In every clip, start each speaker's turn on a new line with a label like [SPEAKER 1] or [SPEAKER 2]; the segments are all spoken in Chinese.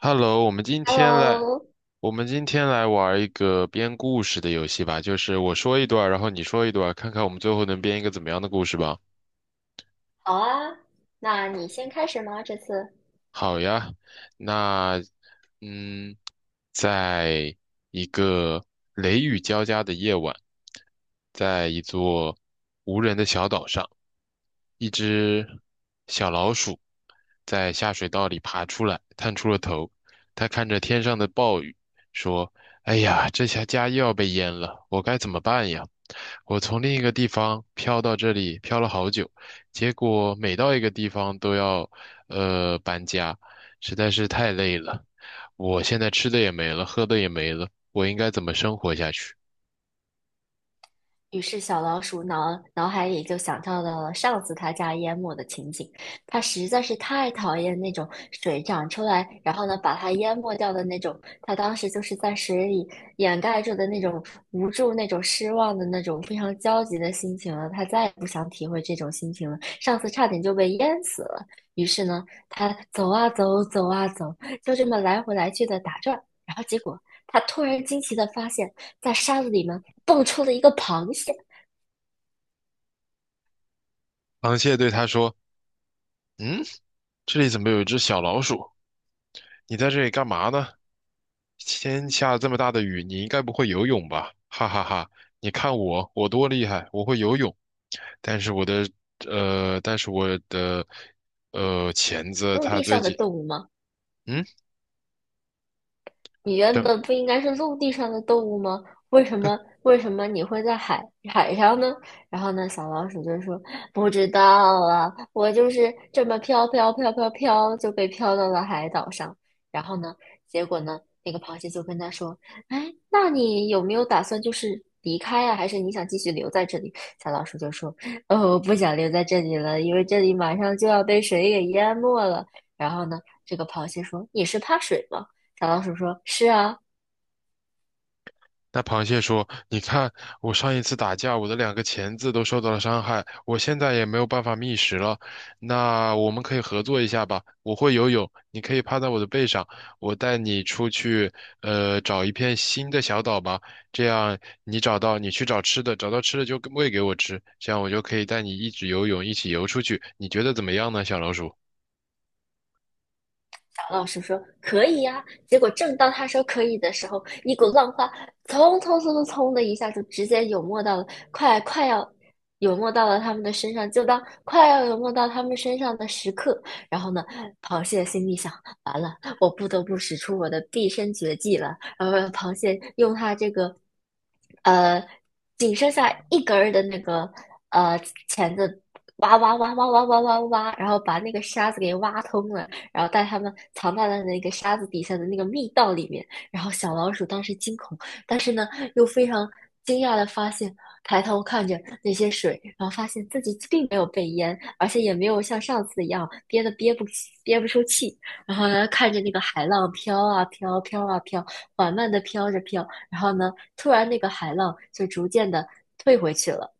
[SPEAKER 1] Hello，
[SPEAKER 2] Hello，
[SPEAKER 1] 我们今天来玩一个编故事的游戏吧，就是我说一段儿然后你说一段儿看看我们最后能编一个怎么样的故事吧。
[SPEAKER 2] 好啊，那你先开始吗？这次，
[SPEAKER 1] 好呀，那嗯，在一个雷雨交加的夜晚，在一座无人的小岛上，一只小老鼠在下水道里爬出来，探出了头。它看着天上的暴雨，说：“哎呀，这下家又要被淹了，我该怎么办呀？我从另一个地方飘到这里，飘了好久。”结果每到一个地方都要搬家，实在是太累了。我现在吃的也没了，喝的也没了，我应该怎么生活下去？
[SPEAKER 2] 于是，小老鼠脑海里就想到了上次他家淹没的情景。他实在是太讨厌那种水涨出来，然后呢把它淹没掉的那种。他当时就是在水里掩盖住的那种无助、那种失望的那种非常焦急的心情了。他再也不想体会这种心情了。上次差点就被淹死了。于是呢，他走啊走，走啊走，就这么来回来去的打转。然后结果，他突然惊奇的发现，在沙子里面蹦出了一个螃蟹，
[SPEAKER 1] 螃蟹对他说：“嗯，这里怎么有一只小老鼠？你在这里干嘛呢？天下这么大的雨，你应该不会游泳吧？哈哈哈！你看我，我多厉害，我会游泳。但是我的呃，但是我的钳子
[SPEAKER 2] 陆
[SPEAKER 1] 它
[SPEAKER 2] 地
[SPEAKER 1] 最
[SPEAKER 2] 上的
[SPEAKER 1] 近……
[SPEAKER 2] 动物吗？
[SPEAKER 1] 嗯，
[SPEAKER 2] 你原本不应该是陆地上的动物吗？为什么你会在海上呢？然后呢，小老鼠就说不知道啊，我就是这么飘飘飘飘飘就被飘到了海岛上。然后呢，结果呢，那个螃蟹就跟他说，哎，那你有没有打算就是离开啊？还是你想继续留在这里？小老鼠就说，哦，我不想留在这里了，因为这里马上就要被水给淹没了。然后呢，这个螃蟹说，你是怕水吗？小老鼠说：“是啊，
[SPEAKER 1] 那螃蟹说：“你看，我上一次打架，我的两个钳子都受到了伤害，我现在也没有办法觅食了。那我们可以合作一下吧？我会游泳，你可以趴在我的背上，我带你出去，找一片新的小岛吧。这样你找到，你去找吃的，找到吃的就喂给我吃，这样我就可以带你一直游泳，一起游出去。你觉得怎么样呢，小老鼠？”
[SPEAKER 2] 老师说可以呀、啊结果正当他说可以的时候，一股浪花冲冲冲冲冲的一下就直接涌没到了，快要涌没到了他们的身上，就当快要涌没到他们身上的时刻，然后呢，螃蟹心里想：完了，我不得不使出我的毕生绝技了。然后螃蟹用它这个呃仅剩下一根儿的那个呃钳子。挖挖挖挖挖挖挖挖，然后把那个沙子给挖通了，然后带他们藏在了那个沙子底下的那个密道里面。然后小老鼠当时惊恐，但是呢又非常惊讶的发现，抬头看着那些水，然后发现自己并没有被淹，而且也没有像上次一样憋得憋不出气。然后呢，看着那个海浪飘啊飘，飘啊飘，缓慢的飘着飘。然后呢，突然那个海浪就逐渐的退回去了。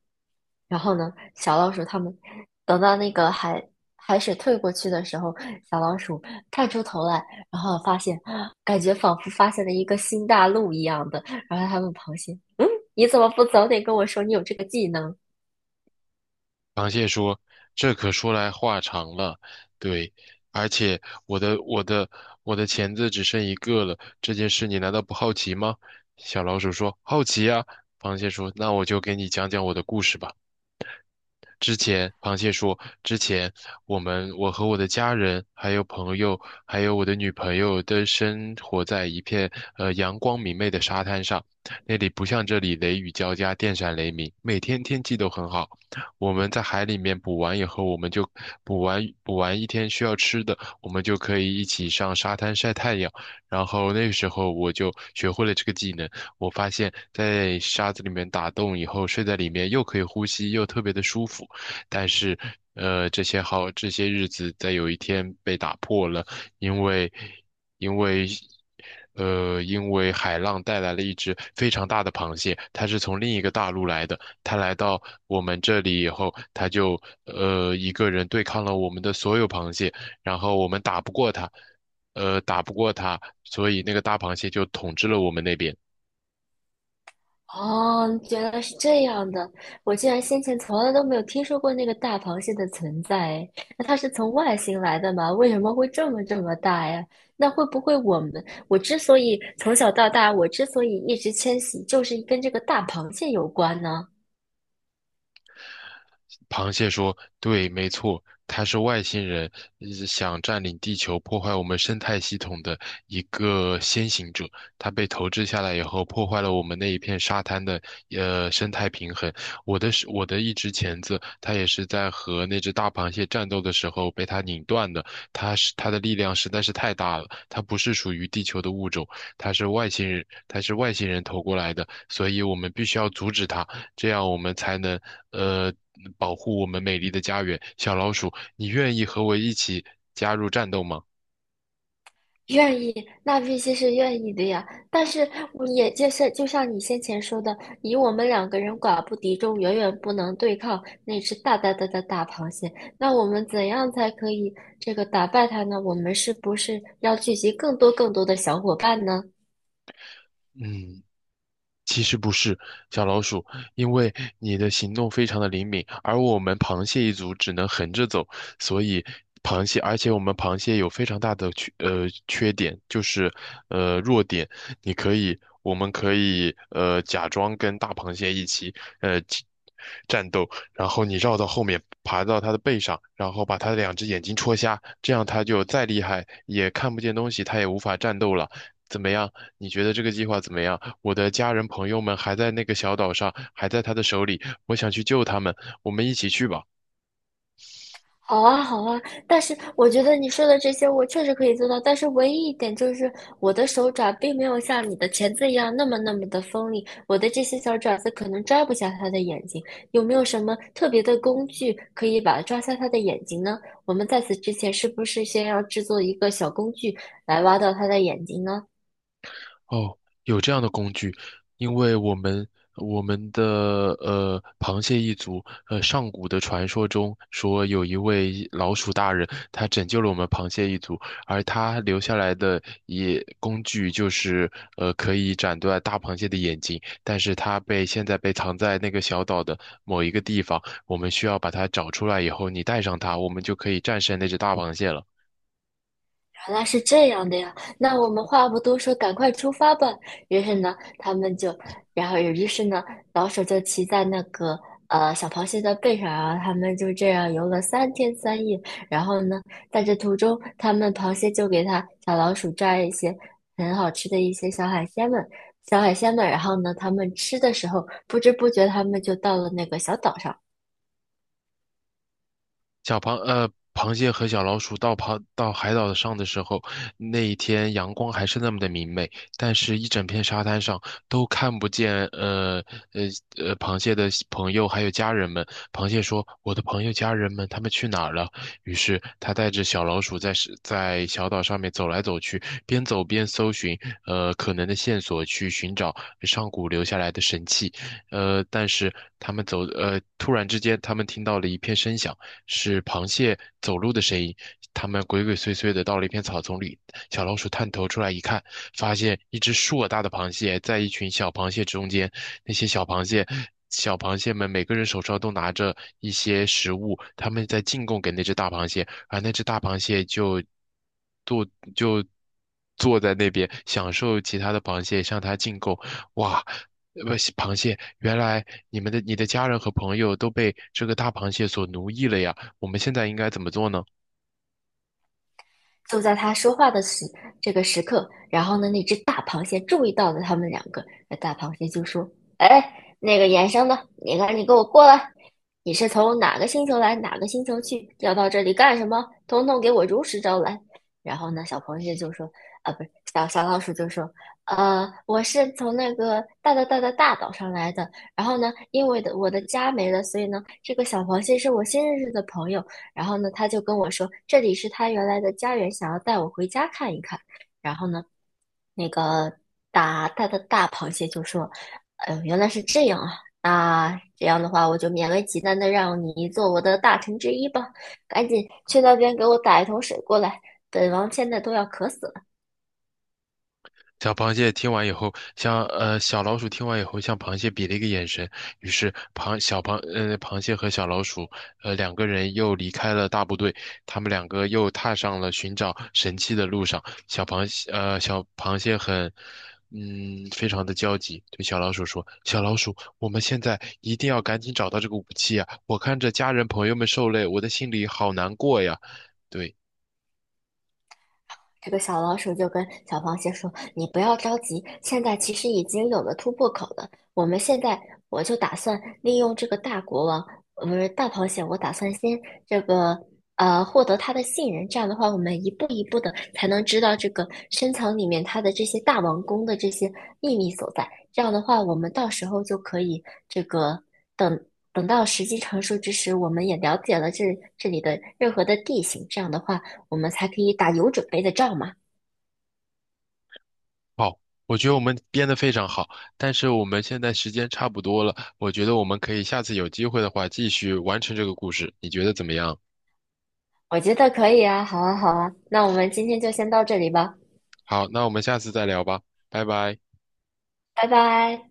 [SPEAKER 2] 然后呢，小老鼠它们等到那个海水退过去的时候，小老鼠探出头来，然后发现，感觉仿佛发现了一个新大陆一样的。然后它问螃蟹：“你怎么不早点跟我说你有这个技能啊？”
[SPEAKER 1] 螃蟹说：“这可说来话长了，对，而且我的我的我的钳子只剩一个了，这件事你难道不好奇吗？”小老鼠说：“好奇呀。”螃蟹说：“那我就给你讲讲我的故事吧。”之前，螃蟹说，之前我和我的家人，还有朋友，还有我的女朋友都生活在一片阳光明媚的沙滩上，那里不像这里雷雨交加，电闪雷鸣，每天天气都很好。我们在海里面捕完以后，我们就捕完一天需要吃的，我们就可以一起上沙滩晒太阳。然后那个时候我就学会了这个技能。我发现，在沙子里面打洞以后，睡在里面又可以呼吸，又特别的舒服。但是，这些日子在有一天被打破了，因为，因为，因为海浪带来了一只非常大的螃蟹，它是从另一个大陆来的。它来到我们这里以后，它就一个人对抗了我们的所有螃蟹，然后我们打不过它，所以那个大螃蟹就统治了我们那边。
[SPEAKER 2] 哦，原来是这样的，我竟然先前从来都没有听说过那个大螃蟹的存在。那它是从外星来的吗？为什么会这么这么大呀？那会不会我们，我之所以从小到大，我之所以一直迁徙，就是跟这个大螃蟹有关呢？
[SPEAKER 1] 螃蟹说：“对，没错，它是外星人，想占领地球，破坏我们生态系统的一个先行者。它被投掷下来以后，破坏了我们那一片沙滩的生态平衡。我的一只钳子，它也是在和那只大螃蟹战斗的时候被它拧断的。它的力量实在是太大了，它不是属于地球的物种，它是外星人，它是外星人投过来的，所以我们必须要阻止它。这样我们才能呃保护我们美丽的家园。小老鼠，你愿意和我一起加入战斗吗？
[SPEAKER 2] 愿意，那必须是愿意的呀。但是我也就是就像你先前说的，以我们两个人寡不敌众，远远不能对抗那只大大大的大螃蟹。那我们怎样才可以这个打败它呢？我们是不是要聚集更多更多的小伙伴呢？
[SPEAKER 1] 嗯。其实不是小老鼠，因为你的行动非常的灵敏，而我们螃蟹一族只能横着走，所以螃蟹，而且我们螃蟹有非常大的缺点，就是弱点，你可以，我们可以假装跟大螃蟹一起呃起战斗，然后你绕到后面爬到它的背上，然后把它的两只眼睛戳瞎，这样它就再厉害也看不见东西，它也无法战斗了，怎么样？你觉得这个计划怎么样？我的家人朋友们还在那个小岛上，还在他的手里，我想去救他们，我们一起去吧。
[SPEAKER 2] 好啊，好啊，但是我觉得你说的这些我确实可以做到，但是唯一一点就是我的手爪并没有像你的钳子一样那么那么的锋利，我的这些小爪子可能抓不下它的眼睛。有没有什么特别的工具可以把抓下它的眼睛呢？我们在此之前是不是先要制作一个小工具来挖到它的眼睛呢？
[SPEAKER 1] 哦，有这样的工具，因为我们的螃蟹一族，上古的传说中说有一位老鼠大人，他拯救了我们螃蟹一族，而他留下来的也工具就是可以斩断大螃蟹的眼睛，但是它被现在被藏在那个小岛的某一个地方，我们需要把它找出来以后，你带上它，我们就可以战胜那只大螃蟹了。
[SPEAKER 2] 原来是这样的呀，那我们话不多说，赶快出发吧。于是呢，他们就，然后于是呢，老鼠就骑在那个小螃蟹的背上啊，然后他们就这样游了三天三夜。然后呢，在这途中，他们螃蟹就给它小老鼠抓一些很好吃的一些小海鲜们，小海鲜们。然后呢，他们吃的时候，不知不觉他们就到了那个小岛上。
[SPEAKER 1] 小螃呃，螃蟹和小老鼠到海岛上的时候，那一天阳光还是那么的明媚，但是一整片沙滩上都看不见呃螃蟹的朋友还有家人们。螃蟹说：“我的朋友家人们他们去哪儿了？”于是他带着小老鼠在小岛上面走来走去，边走边搜寻可能的线索，去寻找上古留下来的神器。呃，但是他们走，呃，突然之间，他们听到了一片声响，是螃蟹走路的声音。他们鬼鬼祟祟的到了一片草丛里，小老鼠探头出来一看，发现一只硕大的螃蟹在一群小螃蟹中间。那些小螃蟹，小螃蟹们每个人手上都拿着一些食物，他们在进贡给那只大螃蟹，而那只大螃蟹就坐就坐在那边享受其他的螃蟹向它进贡。哇！呃不螃蟹，原来你的家人和朋友都被这个大螃蟹所奴役了呀，我们现在应该怎么做呢？
[SPEAKER 2] 就在他说话的这个时刻，然后呢，那只大螃蟹注意到了他们两个，那大螃蟹就说：“哎，那个衍生的，你赶紧给我过来！你是从哪个星球来，哪个星球去，要到这里干什么？统统给我如实招来。”然后呢，小螃蟹就说：“啊，不是，小老鼠就说，呃，我是从那个大大大大大岛上来的。然后呢，因为的我的家没了，所以呢，这个小螃蟹是我新认识的朋友。然后呢，他就跟我说，这里是他原来的家园，想要带我回家看一看。然后呢，那个大大的大螃蟹就说：“哎呦，原来是这样啊！那这样的话，我就勉为其难的让你做我的大臣之一吧。赶紧去那边给我打一桶水过来，本王现在都要渴死了。”
[SPEAKER 1] 小螃蟹听完以后，小老鼠听完以后，向螃蟹比了一个眼神，于是螃蟹和小老鼠两个人又离开了大部队，他们两个又踏上了寻找神器的路上。小螃蟹很非常的焦急，对小老鼠说：“小老鼠，我们现在一定要赶紧找到这个武器啊！我看着家人朋友们受累，我的心里好难过呀。”对。
[SPEAKER 2] 这个小老鼠就跟小螃蟹说：“你不要着急，现在其实已经有了突破口了。我们现在我就打算利用这个大国王，不是大螃蟹，我打算先这个获得他的信任。这样的话，我们一步一步的才能知道这个深藏里面它的这些大王宫的这些秘密所在。这样的话，我们到时候就可以这个等。”等到时机成熟之时，我们也了解了这里的任何的地形。这样的话，我们才可以打有准备的仗嘛。
[SPEAKER 1] 好，我觉得我们编得非常好，但是我们现在时间差不多了，我觉得我们可以下次有机会的话继续完成这个故事，你觉得怎么样？
[SPEAKER 2] 我觉得可以啊，好啊，好啊，那我们今天就先到这里吧，
[SPEAKER 1] 好，那我们下次再聊吧，拜拜。
[SPEAKER 2] 拜拜。